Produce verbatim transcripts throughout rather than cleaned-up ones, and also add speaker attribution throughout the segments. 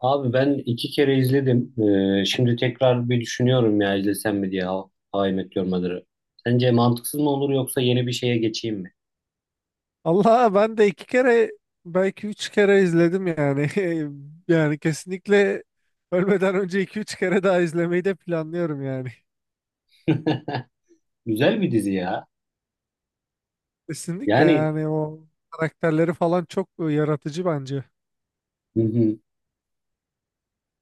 Speaker 1: Abi ben iki kere izledim. Ee, şimdi tekrar bir düşünüyorum ya izlesem mi diye How, How I Met Your Mother'ı. Sence mantıksız mı olur yoksa yeni bir şeye geçeyim mi?
Speaker 2: Allah ben de iki kere belki üç kere izledim yani. Yani kesinlikle ölmeden önce iki üç kere daha izlemeyi de planlıyorum yani.
Speaker 1: Güzel bir dizi ya.
Speaker 2: Kesinlikle
Speaker 1: Yani
Speaker 2: yani o karakterleri falan çok yaratıcı bence.
Speaker 1: hı hı.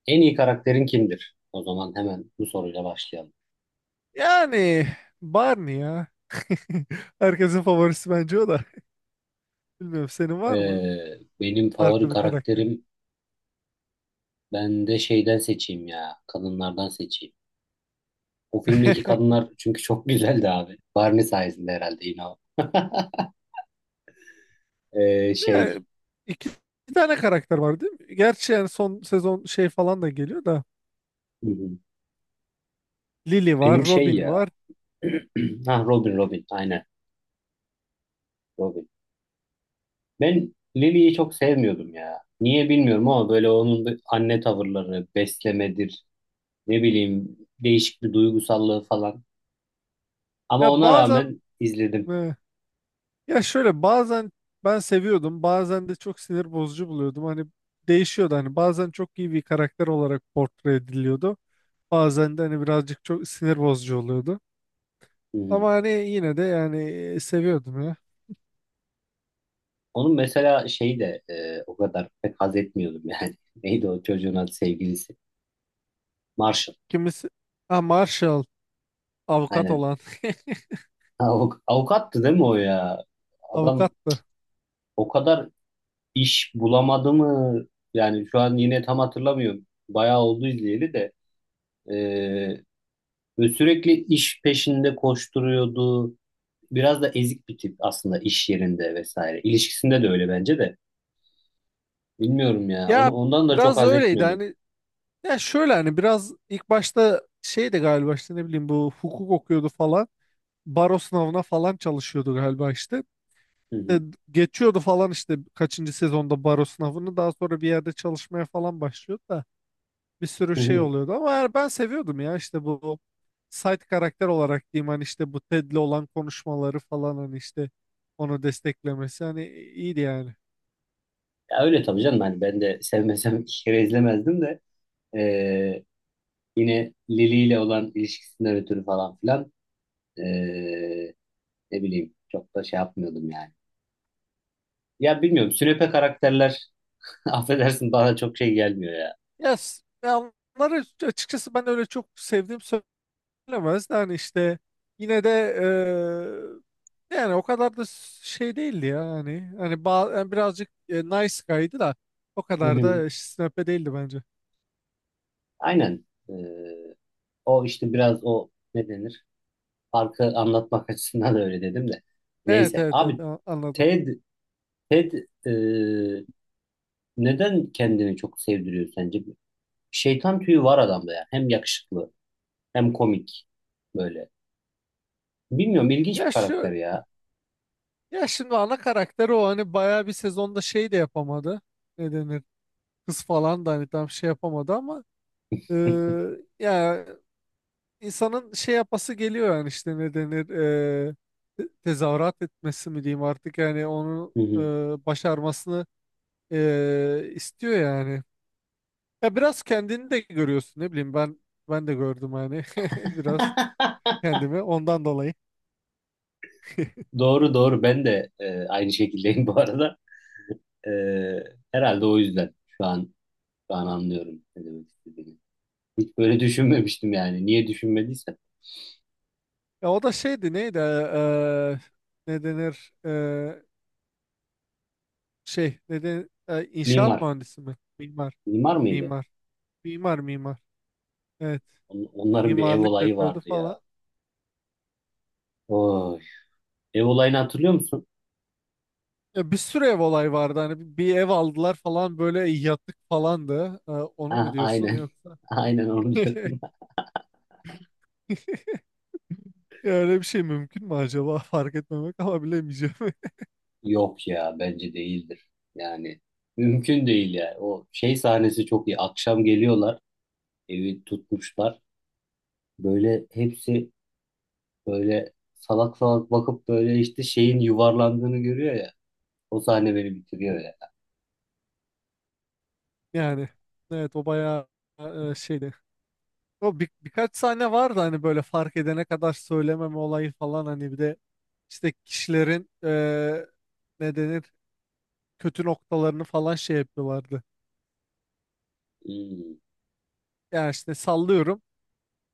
Speaker 1: En iyi karakterin kimdir? O zaman hemen bu soruyla başlayalım.
Speaker 2: Yani Barney ya. Herkesin favorisi bence o da. Bilmiyorum senin var mı
Speaker 1: Ee, benim favori
Speaker 2: farklı bir karakter?
Speaker 1: karakterim ben de şeyden seçeyim ya. Kadınlardan seçeyim. O filmdeki kadınlar çünkü çok güzeldi abi. Barney sayesinde herhalde yine o. Ee,
Speaker 2: Ya,
Speaker 1: şey
Speaker 2: iki iki tane karakter var değil mi? Gerçi yani son sezon şey falan da geliyor da.
Speaker 1: hı hı.
Speaker 2: Lily var,
Speaker 1: Benim şey
Speaker 2: Robin var.
Speaker 1: ya. Ha Robin Robin aynen Robin. Ben Lily'yi çok sevmiyordum ya. Niye bilmiyorum ama böyle onun bir anne tavırları, beslemedir, ne bileyim değişik bir duygusallığı falan. Ama
Speaker 2: Ya
Speaker 1: ona
Speaker 2: bazen
Speaker 1: rağmen izledim.
Speaker 2: e, ya şöyle bazen ben seviyordum, bazen de çok sinir bozucu buluyordum. Hani değişiyordu, hani bazen çok iyi bir karakter olarak portre ediliyordu. Bazen de hani birazcık çok sinir bozucu oluyordu.
Speaker 1: Hı hı.
Speaker 2: Ama hani yine de yani seviyordum ya.
Speaker 1: Onun mesela şey de e, o kadar pek haz etmiyordum yani. Neydi o çocuğun adı sevgilisi? Marshall.
Speaker 2: Kimisi, ha, Marshall, avukat
Speaker 1: Aynen.
Speaker 2: olan.
Speaker 1: Avuk- avukattı değil mi o ya? Adam
Speaker 2: Avukattı.
Speaker 1: o kadar iş bulamadı mı? Yani şu an yine tam hatırlamıyorum. Bayağı oldu izleyeli de. Ee, Ve sürekli iş peşinde koşturuyordu. Biraz da ezik bir tip aslında iş yerinde vesaire. İlişkisinde de öyle bence de. Bilmiyorum ya. Onu
Speaker 2: Ya
Speaker 1: ondan da çok
Speaker 2: biraz
Speaker 1: haz
Speaker 2: öyleydi
Speaker 1: etmiyordum.
Speaker 2: hani, ya şöyle hani biraz ilk başta şeydi galiba, işte ne bileyim, bu hukuk okuyordu falan. Baro sınavına falan çalışıyordu galiba işte.
Speaker 1: Hı hı.
Speaker 2: De geçiyordu falan işte kaçıncı sezonda baro sınavını, daha sonra bir yerde çalışmaya falan başlıyordu da bir sürü
Speaker 1: Hı
Speaker 2: şey
Speaker 1: hı.
Speaker 2: oluyordu, ama yani ben seviyordum ya, işte bu side karakter olarak diyeyim, hani işte bu Ted'le olan konuşmaları falan, hani işte onu desteklemesi, hani iyiydi yani.
Speaker 1: Ya öyle tabii canım. Hani ben de sevmesem iki kere izlemezdim de. Ee, Yine Lili ile olan ilişkisinden ötürü falan filan. ee, Ne bileyim. Çok da şey yapmıyordum yani. Ya bilmiyorum. Sünepe karakterler affedersin bana çok şey gelmiyor ya.
Speaker 2: Yes. Ya onları açıkçası ben öyle çok sevdiğim bilemez. Yani işte yine de eee, yani o kadar da şey değildi ya, hani hani ba- yani birazcık e, nice guy'dı da o
Speaker 1: Hı
Speaker 2: kadar
Speaker 1: hı.
Speaker 2: da snepe değildi bence.
Speaker 1: Aynen. Ee, O işte biraz o ne denir? Farkı anlatmak açısından da öyle dedim de.
Speaker 2: Evet
Speaker 1: Neyse.
Speaker 2: evet evet,
Speaker 1: Abi
Speaker 2: a- anladım.
Speaker 1: Ted, Ted e, neden kendini çok sevdiriyor sence? Şeytan tüyü var adamda ya. Hem yakışıklı hem komik böyle. Bilmiyorum ilginç bir
Speaker 2: Ya
Speaker 1: karakter
Speaker 2: şu,
Speaker 1: ya.
Speaker 2: ya şimdi ana karakteri o, hani bayağı bir sezonda şey de yapamadı. Ne denir? Kız falan da hani tam şey yapamadı ama eee, ya insanın şey yapası geliyor yani, işte ne denir, eee, te- tezahürat etmesi mi diyeyim artık, yani onu
Speaker 1: Hı
Speaker 2: eee,
Speaker 1: hı.
Speaker 2: başarmasını Ee, istiyor yani. Ya biraz kendini de görüyorsun, ne bileyim, ben ben de gördüm hani biraz kendimi ondan dolayı.
Speaker 1: Doğru doğru ben de e, aynı şekildeyim bu arada. E, Herhalde o yüzden şu an şu an anlıyorum ne demek istediğini. Hiç böyle düşünmemiştim yani. Niye düşünmediysem.
Speaker 2: Ya o da şeydi, neydi, ee, ne denir, ee, şey, ne denir, ee, inşaat
Speaker 1: Mimar.
Speaker 2: mühendisi mi? Mimar.
Speaker 1: Mimar mıydı?
Speaker 2: Mimar. Mimar mimar. Evet.
Speaker 1: On- Onların bir ev
Speaker 2: Mimarlık
Speaker 1: olayı
Speaker 2: yapıyordu
Speaker 1: vardı ya.
Speaker 2: falan.
Speaker 1: Oy. Ev olayını hatırlıyor musun?
Speaker 2: Ya bir sürü ev olay vardı, hani bir bir ev aldılar falan, böyle yatık falandı. Ee, onu mu
Speaker 1: Ah,
Speaker 2: diyorsun
Speaker 1: aynen.
Speaker 2: yoksa?
Speaker 1: Aynen onu diyorum.
Speaker 2: Ya öyle bir şey mümkün mü acaba? Fark etmemek, ama bilemeyeceğim.
Speaker 1: Yok ya bence değildir. Yani mümkün değil ya. O şey sahnesi çok iyi. Akşam geliyorlar. Evi tutmuşlar. Böyle hepsi böyle salak salak bakıp böyle işte şeyin yuvarlandığını görüyor ya. O sahne beni bitiriyor ya.
Speaker 2: Yani evet o bayağı e, şeydi. O bir, birkaç sahne vardı hani, böyle fark edene kadar söylememe olayı falan, hani bir de işte kişilerin e, ne denir, kötü noktalarını falan şey yapıyorlardı.
Speaker 1: Hmm.
Speaker 2: Yani işte sallıyorum,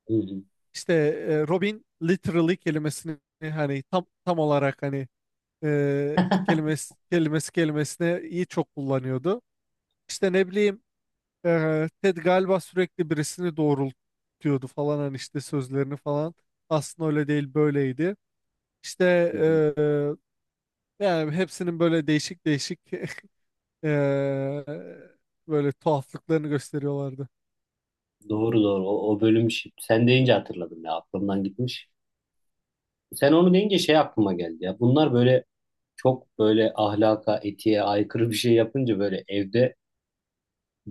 Speaker 1: Hı hı,
Speaker 2: işte e, Robin literally kelimesini hani tam tam olarak hani, e, kelimesi kelimesi kelimesine iyi çok kullanıyordu. İşte ne bileyim, Ee, Ted galiba sürekli birisini doğrultuyordu falan, hani işte sözlerini falan. Aslında öyle değil, böyleydi. İşte
Speaker 1: hı hı.
Speaker 2: ee, yani hepsinin böyle değişik değişik ee, böyle tuhaflıklarını gösteriyorlardı.
Speaker 1: Doğru doğru. O, o bölüm şi- sen deyince hatırladım ya. Aklımdan gitmiş. Sen onu deyince şey aklıma geldi ya. Bunlar böyle çok böyle ahlaka, etiğe aykırı bir şey yapınca böyle evde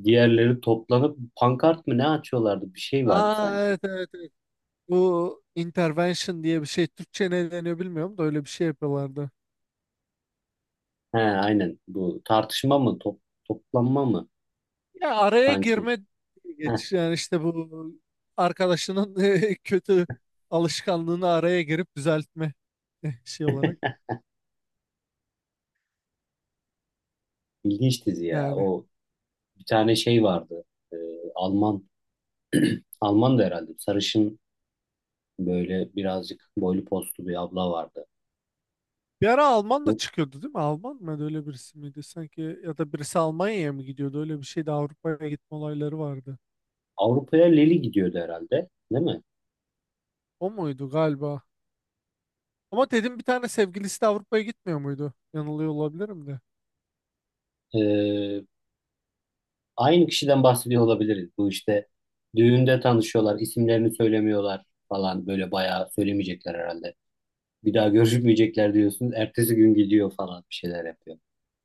Speaker 1: diğerleri toplanıp pankart mı ne açıyorlardı? Bir şey vardı
Speaker 2: Aa
Speaker 1: sanki.
Speaker 2: evet evet evet. Bu intervention diye bir şey Türkçe ne deniyor bilmiyorum da, öyle bir şey yapıyorlardı.
Speaker 1: He, aynen bu tartışma mı top, toplanma mı
Speaker 2: Ya araya
Speaker 1: sanki?
Speaker 2: girme diye
Speaker 1: Heh,
Speaker 2: geç yani, işte bu arkadaşının eh, kötü alışkanlığını araya girip düzeltme eh, şey olarak
Speaker 1: ilginç dizi ya.
Speaker 2: yani.
Speaker 1: O bir tane şey vardı. Ee, Alman Alman da herhalde sarışın böyle birazcık boylu postlu bir abla vardı.
Speaker 2: Bir ara Alman da
Speaker 1: Bu
Speaker 2: çıkıyordu değil mi? Alman mı öyle birisi miydi sanki, ya da birisi Almanya'ya mı gidiyordu, öyle bir şeydi, Avrupa'ya gitme olayları vardı.
Speaker 1: Avrupa'ya Leli gidiyordu herhalde, değil mi?
Speaker 2: O muydu galiba? Ama dedim bir tane sevgilisi de Avrupa'ya gitmiyor muydu? Yanılıyor olabilirim de.
Speaker 1: Ee, Aynı kişiden bahsediyor olabiliriz. Bu işte düğünde tanışıyorlar, isimlerini söylemiyorlar falan böyle bayağı söylemeyecekler herhalde. Bir daha görüşmeyecekler diyorsun. Ertesi gün gidiyor falan bir şeyler yapıyor.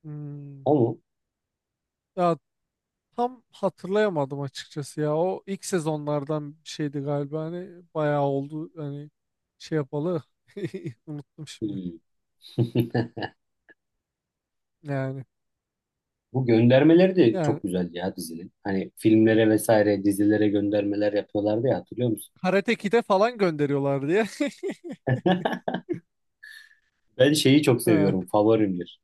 Speaker 2: Hmm.
Speaker 1: O mu?
Speaker 2: Ya tam hatırlayamadım açıkçası ya. O ilk sezonlardan bir şeydi galiba. Hani bayağı oldu. Hani şey yapalı. Unuttum şimdi.
Speaker 1: Hmm.
Speaker 2: Yani
Speaker 1: Bu göndermeleri de
Speaker 2: yani
Speaker 1: çok güzeldi ya dizinin. Hani filmlere vesaire dizilere göndermeler yapıyorlardı ya hatırlıyor musun?
Speaker 2: Karate Kid'e falan gönderiyorlar diye.
Speaker 1: Ben şeyi çok
Speaker 2: Ha.
Speaker 1: seviyorum. Favorimdir.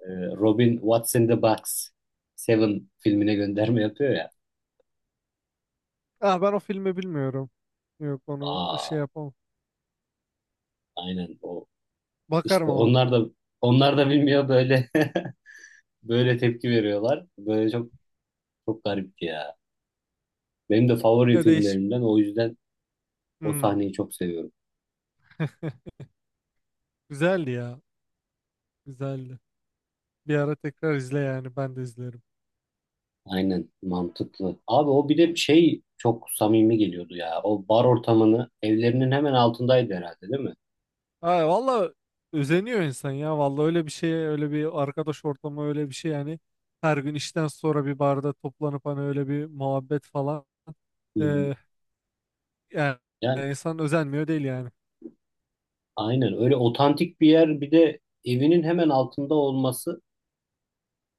Speaker 1: Ee, Robin What's in the Box? Seven filmine gönderme yapıyor ya.
Speaker 2: Ah, ben o filmi bilmiyorum. Yok onu
Speaker 1: Aa,
Speaker 2: şey yapamam.
Speaker 1: aynen o
Speaker 2: Bakarım
Speaker 1: İşte
Speaker 2: ama.
Speaker 1: onlar da onlar da bilmiyor böyle böyle tepki veriyorlar. Böyle çok çok garipti ya. Benim de favori
Speaker 2: Ya değişik.
Speaker 1: filmlerimden o yüzden o
Speaker 2: Hmm.
Speaker 1: sahneyi çok seviyorum.
Speaker 2: Güzeldi ya. Güzeldi. Bir ara tekrar izle yani. Ben de izlerim.
Speaker 1: Aynen mantıklı. Abi o bir de şey çok samimi geliyordu ya. O bar ortamını evlerinin hemen altındaydı herhalde değil mi?
Speaker 2: Ay valla özeniyor insan ya. Valla öyle bir şey, öyle bir arkadaş ortamı, öyle bir şey yani. Her gün işten sonra bir barda toplanıp hani öyle bir muhabbet falan.
Speaker 1: Hı hı.
Speaker 2: Ee, yani
Speaker 1: Yani
Speaker 2: insan özenmiyor değil yani.
Speaker 1: aynen öyle otantik bir yer bir de evinin hemen altında olması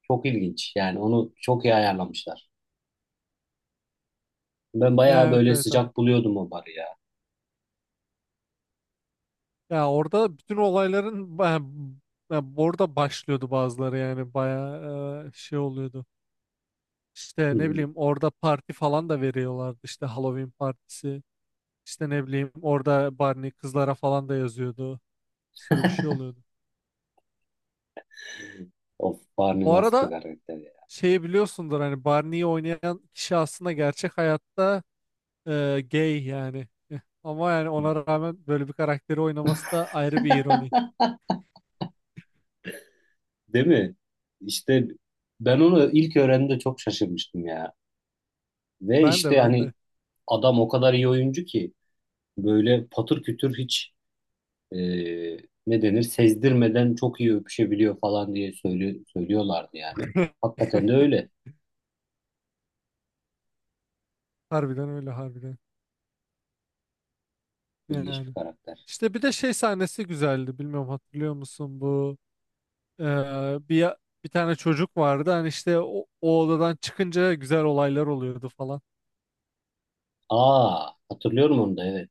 Speaker 1: çok ilginç. Yani onu çok iyi ayarlamışlar. Ben
Speaker 2: Ya
Speaker 1: bayağı
Speaker 2: evet
Speaker 1: böyle
Speaker 2: evet hani.
Speaker 1: sıcak buluyordum o barı ya.
Speaker 2: Ya orada bütün olayların ba- ya orada başlıyordu bazıları, yani bayağı e, şey oluyordu.
Speaker 1: Hı
Speaker 2: İşte ne
Speaker 1: hı.
Speaker 2: bileyim, orada parti falan da veriyorlardı, işte Halloween partisi. İşte ne bileyim, orada Barney kızlara falan da yazıyordu. Bir sürü bir şey oluyordu.
Speaker 1: Of Barney
Speaker 2: Bu
Speaker 1: nasıl bir
Speaker 2: arada
Speaker 1: karakter ya.
Speaker 2: şeyi biliyorsundur, hani Barney'i oynayan kişi aslında gerçek hayatta e, gay yani. Eh, Ama yani ona rağmen böyle bir karakteri oynaması da ayrı bir ironi.
Speaker 1: Değil mi? İşte ben onu ilk öğrendiğimde çok şaşırmıştım ya. Ve
Speaker 2: Ben de
Speaker 1: işte
Speaker 2: ben
Speaker 1: hani
Speaker 2: de.
Speaker 1: adam o kadar iyi oyuncu ki böyle patır kütür hiç e, ne denir sezdirmeden çok iyi öpüşebiliyor falan diye söylüyor, söylüyorlardı yani. Hakikaten de öyle.
Speaker 2: Harbiden öyle, harbiden.
Speaker 1: İlginç bir
Speaker 2: Yani.
Speaker 1: karakter.
Speaker 2: İşte bir de şey sahnesi güzeldi. Bilmiyorum hatırlıyor musun, bu e, bir bir tane çocuk vardı. Hani işte o, o odadan çıkınca güzel olaylar oluyordu falan.
Speaker 1: Aa hatırlıyorum onu da evet.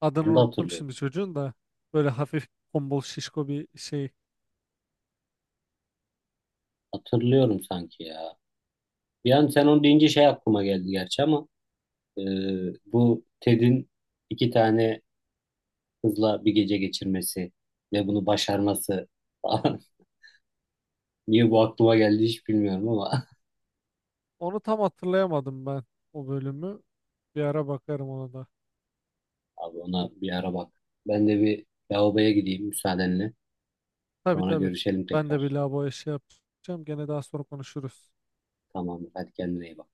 Speaker 2: Adını
Speaker 1: Onu da
Speaker 2: unuttum
Speaker 1: hatırlıyorum.
Speaker 2: şimdi çocuğun da. Böyle hafif tombul şişko bir şey.
Speaker 1: Hatırlıyorum sanki ya. Bir an sen onu deyince şey aklıma geldi gerçi ama e, bu Ted'in iki tane kızla bir gece geçirmesi ve bunu başarması falan. Niye bu aklıma geldi hiç bilmiyorum ama
Speaker 2: Onu tam hatırlayamadım ben, o bölümü. Bir ara bakarım ona da.
Speaker 1: abi ona bir ara bak. Ben de bir lavaboya gideyim müsaadenle.
Speaker 2: Tabii
Speaker 1: Sonra
Speaker 2: tabii.
Speaker 1: görüşelim
Speaker 2: Ben de bir
Speaker 1: tekrar.
Speaker 2: lavaboya şey yapacağım. Gene daha sonra konuşuruz.
Speaker 1: Tamam, hadi kendine iyi bak.